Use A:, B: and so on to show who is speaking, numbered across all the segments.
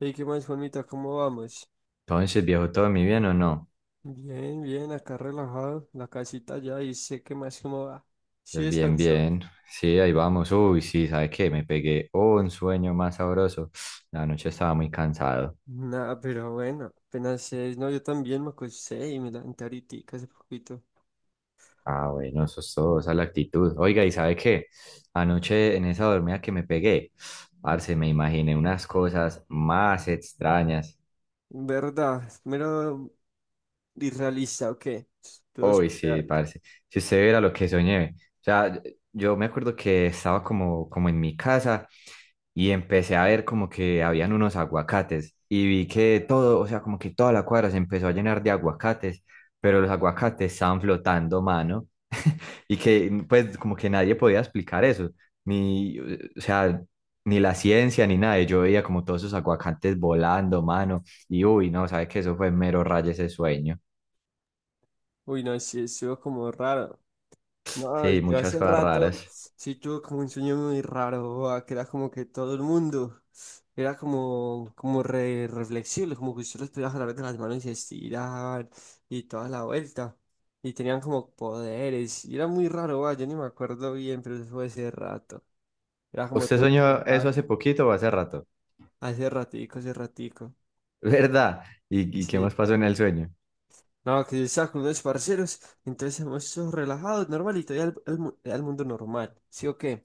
A: Hey, ¿qué más, Juanmita? ¿Cómo vamos?
B: Entonces, viejo, ¿todo mi bien o no?
A: Bien, bien, acá relajado, la casita ya y sé qué más cómo va. Sí
B: Bien,
A: descansó.
B: bien. Sí, ahí vamos. Uy, sí, ¿sabes qué? Me pegué un sueño más sabroso. La noche estaba muy cansado.
A: Nada, pero bueno, apenas es, no, yo también me acosté y me levanté ahorita hace poquito.
B: Ah, bueno, eso es todo, esa es la actitud. Oiga, ¿y sabe qué? Anoche en esa dormida que me pegué, parce, me imaginé unas cosas más extrañas.
A: ¿Verdad? Mero irrealista, ¿o qué? Todo
B: Uy, sí,
A: surreal.
B: parce. Si usted viera lo que soñé. O sea, yo me acuerdo que estaba como en mi casa y empecé a ver como que habían unos aguacates y vi que todo, o sea, como que toda la cuadra se empezó a llenar de aguacates, pero los aguacates estaban flotando, mano. Y que pues como que nadie podía explicar eso, ni, o sea, ni la ciencia ni nada. Y yo veía como todos esos aguacates volando, mano. Y uy, no, sabe que eso fue mero rayo ese sueño.
A: Uy, no, sí, estuvo como raro. No,
B: Sí,
A: yo
B: muchas
A: hace
B: cosas
A: rato
B: raras.
A: sí tuve como un sueño muy raro, boa, que era como que todo el mundo era como reflexible, como que usted los podía jalar de las manos y estirar y toda la vuelta. Y tenían como poderes, y era muy raro, boa, yo ni me acuerdo bien, pero eso fue hace rato. Era como
B: ¿Usted
A: todo
B: soñó eso
A: superado,
B: hace poquito o hace rato?
A: hace ratico, hace ratico.
B: ¿Verdad? Y qué
A: Sí.
B: más pasó en el sueño?
A: No, que yo estaba con unos parceros, entonces estamos todos relajados, normal, y todavía al mundo normal, ¿sí o qué?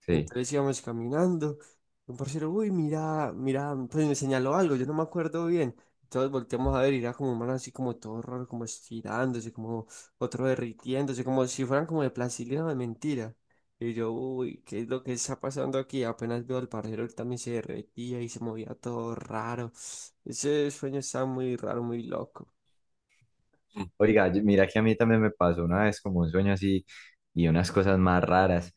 B: Sí.
A: Entonces íbamos caminando. Un parcero, uy, mira, mira, pues me señaló algo, yo no me acuerdo bien. Todos volteamos a ver y era como un man así como todo raro, como estirándose, como otro derritiéndose, como si fueran como de plastilina o de mentira. Y yo, uy, ¿qué es lo que está pasando aquí? Apenas veo al parcero, él también se derretía y se movía todo raro. Ese sueño estaba muy raro, muy loco.
B: Oiga, yo- mira que a mí también me pasó una vez como un sueño así y unas cosas más raras.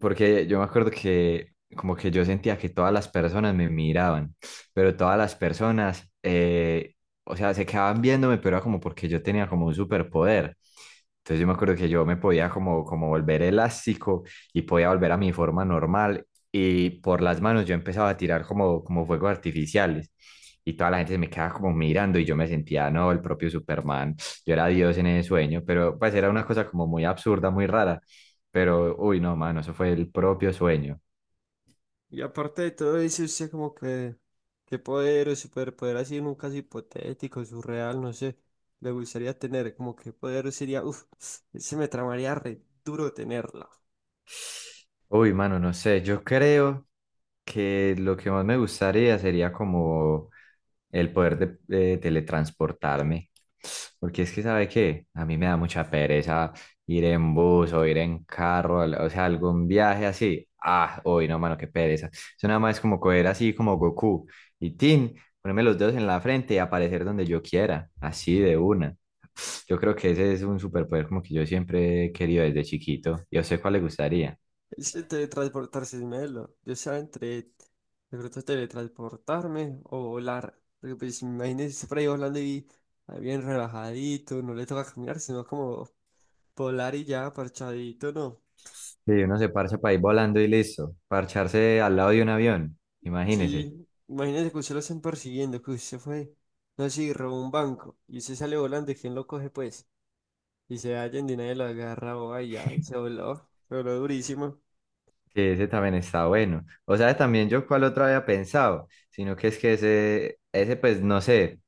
B: Porque yo me acuerdo que como que yo sentía que todas las personas me miraban, pero todas las personas, o sea, se quedaban viéndome, pero era como porque yo tenía como un superpoder. Entonces yo me acuerdo que yo me podía como volver elástico y podía volver a mi forma normal y por las manos yo empezaba a tirar como fuegos artificiales y toda la gente se me quedaba como mirando y yo me sentía, no, el propio Superman, yo era Dios en ese sueño, pero pues era una cosa como muy absurda, muy rara, pero uy, no, mano, eso fue el propio sueño.
A: Y aparte de todo eso, usted como que, qué poder o superpoder así en un caso hipotético, surreal, no sé, le gustaría tener, como qué poder sería, uff, ese me tramaría re duro tenerlo.
B: Uy, mano, no sé, yo creo que lo que más me gustaría sería como el poder de, teletransportarme, porque es que, ¿sabe qué? A mí me da mucha pereza ir en bus o ir en carro, o sea, algún viaje así. Ah, uy, no, mano, qué pereza. Eso nada más es como coger así como Goku y Tin, ponerme los dedos en la frente y aparecer donde yo quiera, así de una. Yo creo que ese es un superpoder como que yo siempre he querido desde chiquito. ¿Y a usted cuál le gustaría?
A: Ese teletransportarse es melo, yo sea entre, de pronto teletransportarme o volar, porque pues imagínese usted por ahí volando y ahí bien relajadito, no le toca caminar, sino como volar y ya, parchadito, ¿no?
B: Sí, uno se parcha para ir volando y listo. Parcharse al lado de un avión, imagínese.
A: Sí, imagínese que usted lo estén persiguiendo, que usted fue, no sé, y robó un banco y usted sale volando, ¿quién lo coge pues? Y se halla en nadie lo agarra, o ay, ya, se voló durísimo,
B: Que ese también está bueno. O sea, también yo cuál otro había pensado, sino que es que ese pues no sé,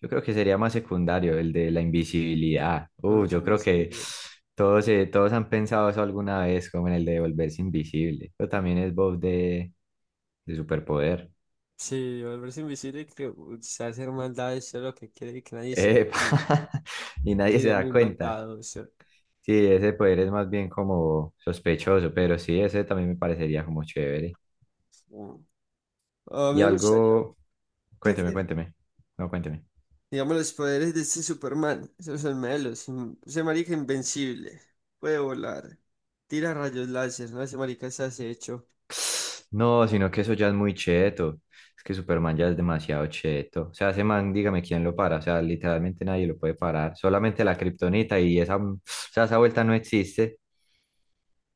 B: yo creo que sería más secundario, el de la invisibilidad.
A: volverse
B: Yo creo que
A: invisible.
B: todos, todos han pensado eso alguna vez, como en el de volverse invisible. Pero también es voz de superpoder.
A: Sí, volverse invisible, y que o sea, hacer maldades, eso es lo que quiere y que nadie se...
B: Epa,
A: bueno,
B: y nadie se
A: Sería
B: da
A: muy
B: cuenta.
A: maldado, eso.
B: Sí, ese poder es más bien como sospechoso, pero sí, ese también me parecería como chévere.
A: Mm. Ah,
B: Y
A: me gustaría.
B: algo, cuénteme, cuénteme.
A: Digamos, los poderes de este Superman, esos son melos. Ese marica invencible, puede volar, tira rayos láser, ¿no? Ese marica es acecho,
B: No, sino que eso ya es muy cheto. Es que Superman ya es demasiado cheto. O sea, ese man, dígame quién lo para. O sea, literalmente nadie lo puede parar. Solamente la kriptonita y esa, o sea, esa vuelta no existe.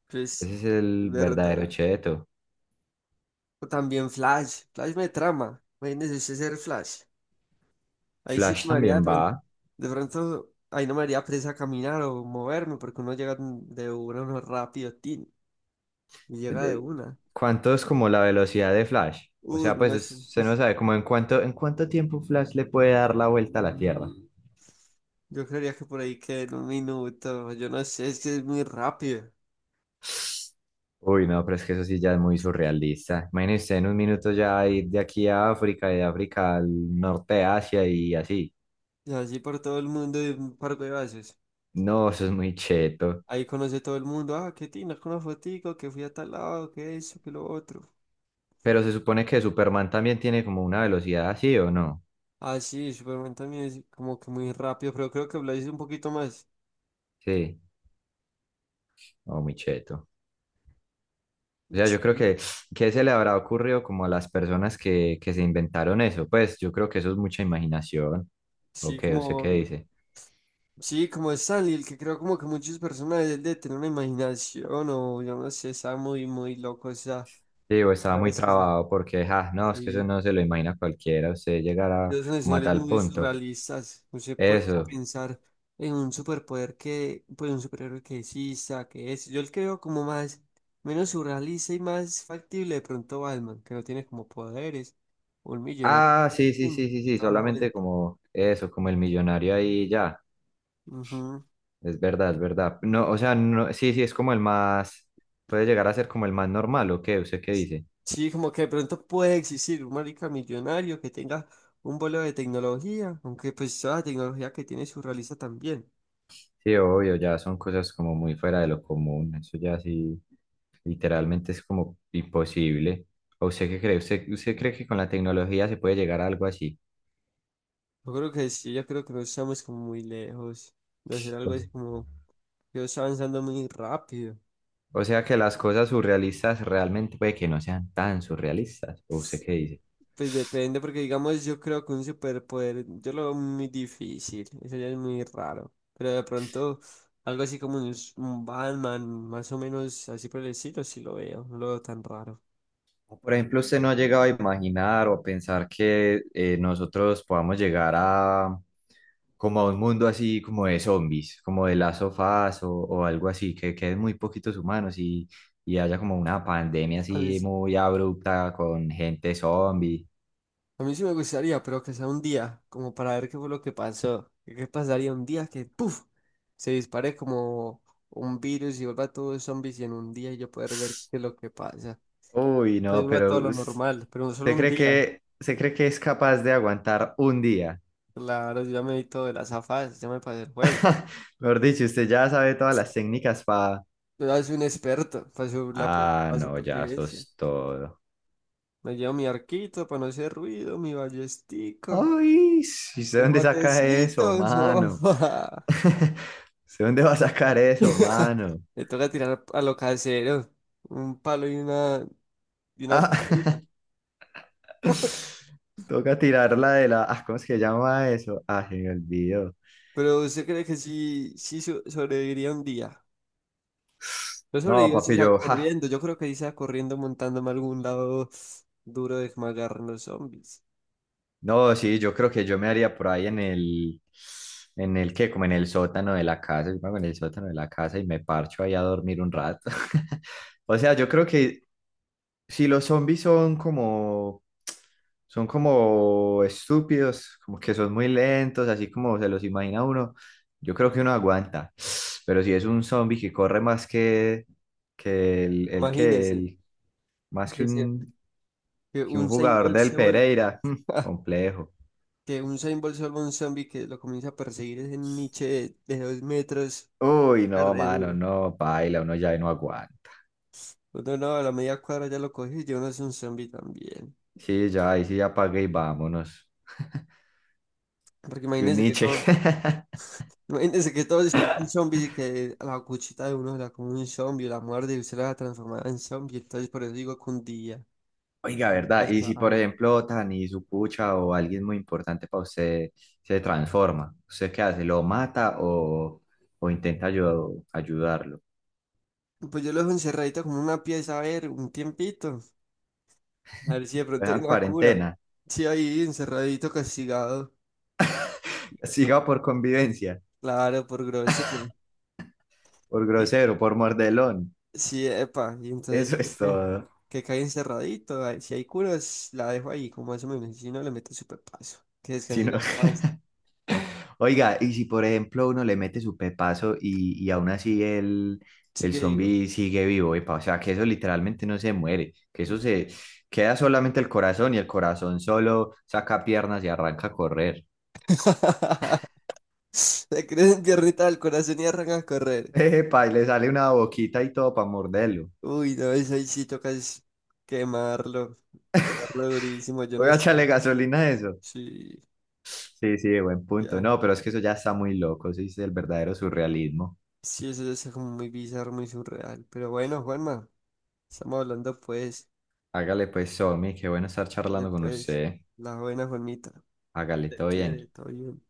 A: pues,
B: Ese es el verdadero
A: verdad.
B: cheto.
A: O también Flash me trama, imagínese usted ser Flash. Ahí sí
B: Flash
A: me haría de
B: también va.
A: pronto, de pronto, ahí no me haría presa caminar o moverme, porque uno llega de una, uno rápido, tin, y llega de
B: de-
A: una.
B: ¿Cuánto es como la velocidad de Flash? O
A: Uy,
B: sea,
A: no,
B: pues se no sabe como en cuánto tiempo Flash le puede dar la vuelta a la Tierra.
A: yo creería que por ahí queda en un minuto, yo no sé, es que es muy rápido.
B: Uy, no, pero es que eso sí ya es muy surrealista. Imagínese en un minuto ya ir de aquí a África y de África al norte de Asia y así.
A: Y así por todo el mundo de un par de veces.
B: No, eso es muy cheto.
A: Ahí conoce todo el mundo. Ah, qué tina, con una fotico, que fui a tal lado, que eso, que lo otro.
B: Pero se supone que Superman también tiene como una velocidad así, ¿o no?
A: Ah, sí, Superman también es como que muy rápido, pero creo que Blaze es un poquito más.
B: Sí, oh, muy cheto. O sea, yo creo
A: Sí,
B: que, ¿qué se le habrá ocurrido como a las personas que se inventaron eso? Pues yo creo que eso es mucha imaginación. ¿O
A: sí,
B: qué? ¿Usted qué
A: como.
B: dice?
A: Sí, como Stanley, el que creo como que muchos personajes él de tener una imaginación o yo no sé, está muy, muy loco, o sea,
B: Sí, o estaba muy
A: ¿sabes que sí,
B: trabado porque, ah, no, es que eso
A: sí?
B: no se lo imagina cualquiera, usted llegará
A: Los
B: como a
A: nacionales
B: tal
A: muy
B: punto.
A: surrealistas. No se puede
B: Eso.
A: pensar en un superpoder que, pues un superhéroe que exista, que es. Yo el creo como más, menos surrealista y más factible de pronto Batman, que no tiene como poderes, un millonario
B: Ah, sí,
A: y
B: sí, sí, sí,
A: y
B: sí,
A: toda la
B: solamente
A: vuelta.
B: como eso, como el millonario ahí ya.
A: Ujú.
B: Es verdad, es verdad. No, o sea, no, sí, sí, es como el más, puede llegar a ser como el más normal, ¿o qué? ¿Usted qué dice?
A: Sí, como que de pronto puede existir un marica millonario que tenga un vuelo de tecnología, aunque pues toda la tecnología que tiene surrealista también.
B: Sí, obvio, ya son cosas como muy fuera de lo común, eso ya sí, literalmente es como imposible. ¿O usted qué cree? ¿Usted, usted cree que con la tecnología se puede llegar a algo así?
A: Yo creo que sí, yo creo que no estamos como muy lejos de hacer
B: O
A: algo así
B: se-
A: como yo estoy avanzando muy rápido.
B: o sea, que las cosas surrealistas realmente puede que no sean tan surrealistas, ¿o usted qué dice?
A: Pues depende, porque digamos, yo creo que un superpoder, yo lo veo muy difícil, eso ya es muy raro. Pero de pronto, algo así como un Batman, más o menos así por el estilo, sí lo veo, no lo veo tan raro.
B: O, Por ejemplo, usted no ha llegado a imaginar o a pensar que nosotros podamos llegar a como a un mundo así como de zombies, como de las sofás o algo así, que queden muy poquitos humanos y haya como una pandemia
A: A mí,
B: así
A: s-
B: muy abrupta con gente zombie.
A: a mí sí me gustaría, pero que sea un día, como para ver qué fue lo que pasó. ¿Qué pasaría un día que, ¡puf! Se dispare como un virus y vuelva todos zombies y en un día yo poder ver qué es lo que pasa.
B: Uy, no,
A: Entonces vuelva todo lo normal, pero no solo
B: ¿usted
A: un
B: cree
A: día.
B: que, se cree que es capaz de aguantar un día?
A: Claro, yo ya me vi todo de las afas, ya me pasé el juego.
B: Mejor dicho, usted ya sabe todas las técnicas para...
A: Yo ya soy un experto
B: Ah,
A: para
B: no, ya
A: supervivencia.
B: sos todo.
A: Me llevo mi arquito para no hacer ruido, mi ballestica,
B: Ay, sí, ¿usted
A: el
B: dónde saca eso,
A: botecito, no.
B: mano? ¿Usted dónde va a sacar eso, mano?
A: Le toca tirar a lo casero, un palo y una
B: Ah,
A: cuerdita.
B: toca tirarla de la... ah, ¿cómo es que llama eso? Ah, se me olvidó.
A: Pero ¿usted cree que sí, sí sobreviviría un día? Yo
B: No,
A: sobrevivo si
B: papi,
A: sea
B: yo, ja,
A: corriendo, yo creo que si sea corriendo montándome a algún lado duro de que me agarren los zombies.
B: no, sí, yo creo que yo me haría por ahí en el que, como en el sótano de la casa, yo me hago en el sótano de la casa y me parcho ahí a dormir un rato. O sea, yo creo que si los zombies son son como estúpidos, como que son muy lentos, así como se los imagina uno, yo creo que uno aguanta. Pero si es un zombie que corre más que el que
A: Imagínense
B: el, más
A: que
B: que
A: un
B: un
A: Usain
B: jugador
A: Bolt
B: del
A: se vuelva
B: Pereira. Mm, complejo.
A: que un Usain Bolt se vuelva un zombie que lo comienza a perseguir ese niche de 2 metros,
B: Uy,
A: ah,
B: no,
A: re
B: mano,
A: duro.
B: no, paila, uno ya ahí no aguanta.
A: Uno no, a la media cuadra ya lo cogió y yo no es un zombie también.
B: Sí, ya, ahí sí ya pagué y vámonos.
A: Porque
B: Que un
A: imagínense que
B: Nietzsche.
A: todo, imagínense que todo se vuelve un zombie y que a la cuchita de uno se la come un zombie, la muerde y usted la transformada en zombie. Entonces por eso digo que un día.
B: Oiga,
A: Nunca
B: ¿verdad? Y si, por
A: sabe.
B: ejemplo, Tani, su pucha o alguien muy importante para usted se transforma, ¿usted qué hace? ¿Lo mata o intenta ayudarlo? ¿Lo
A: Pues yo lo dejo encerradito como una pieza, a ver, un tiempito. A ver si de pronto
B: dejan
A: hay
B: en
A: una cura.
B: cuarentena?
A: Sí, ahí encerradito, castigado.
B: ¿Siga por convivencia?
A: Claro, por grosero.
B: ¿Por
A: Y,
B: grosero? ¿Por mordelón?
A: sí, epa, y entonces ya
B: Eso es
A: que,
B: todo.
A: que cae encerradito, ay, si hay curas, la dejo ahí, como eso mismo, si no le meto súper paso, que
B: Si
A: descanse
B: no-
A: ya más,
B: Oiga, y si por ejemplo uno le mete su pepazo y aún así
A: sí
B: el
A: que digo,
B: zombie sigue vivo, epa, o sea, que eso literalmente no se muere, que eso se queda solamente el corazón y el corazón solo saca piernas y arranca a correr.
A: se creen piernita del corazón y arranca a correr,
B: Epa, y le sale una boquita y todo para morderlo.
A: uy, no, eso ahí sí toca es quemarlo, quemarlo durísimo, yo no
B: Oiga, échale
A: sé,
B: gasolina a eso.
A: sí,
B: Sí, sí, buen punto.
A: ya,
B: No, pero es que eso ya está muy loco, eso es el verdadero surrealismo.
A: sí, eso es como muy bizarro, muy surreal, pero bueno, Juanma, estamos hablando pues,
B: Hágale pues, zombie, qué bueno estar
A: oye,
B: charlando con
A: pues,
B: usted.
A: la buena Juanmita,
B: Hágale,
A: te
B: todo
A: quiere,
B: bien.
A: todo bien.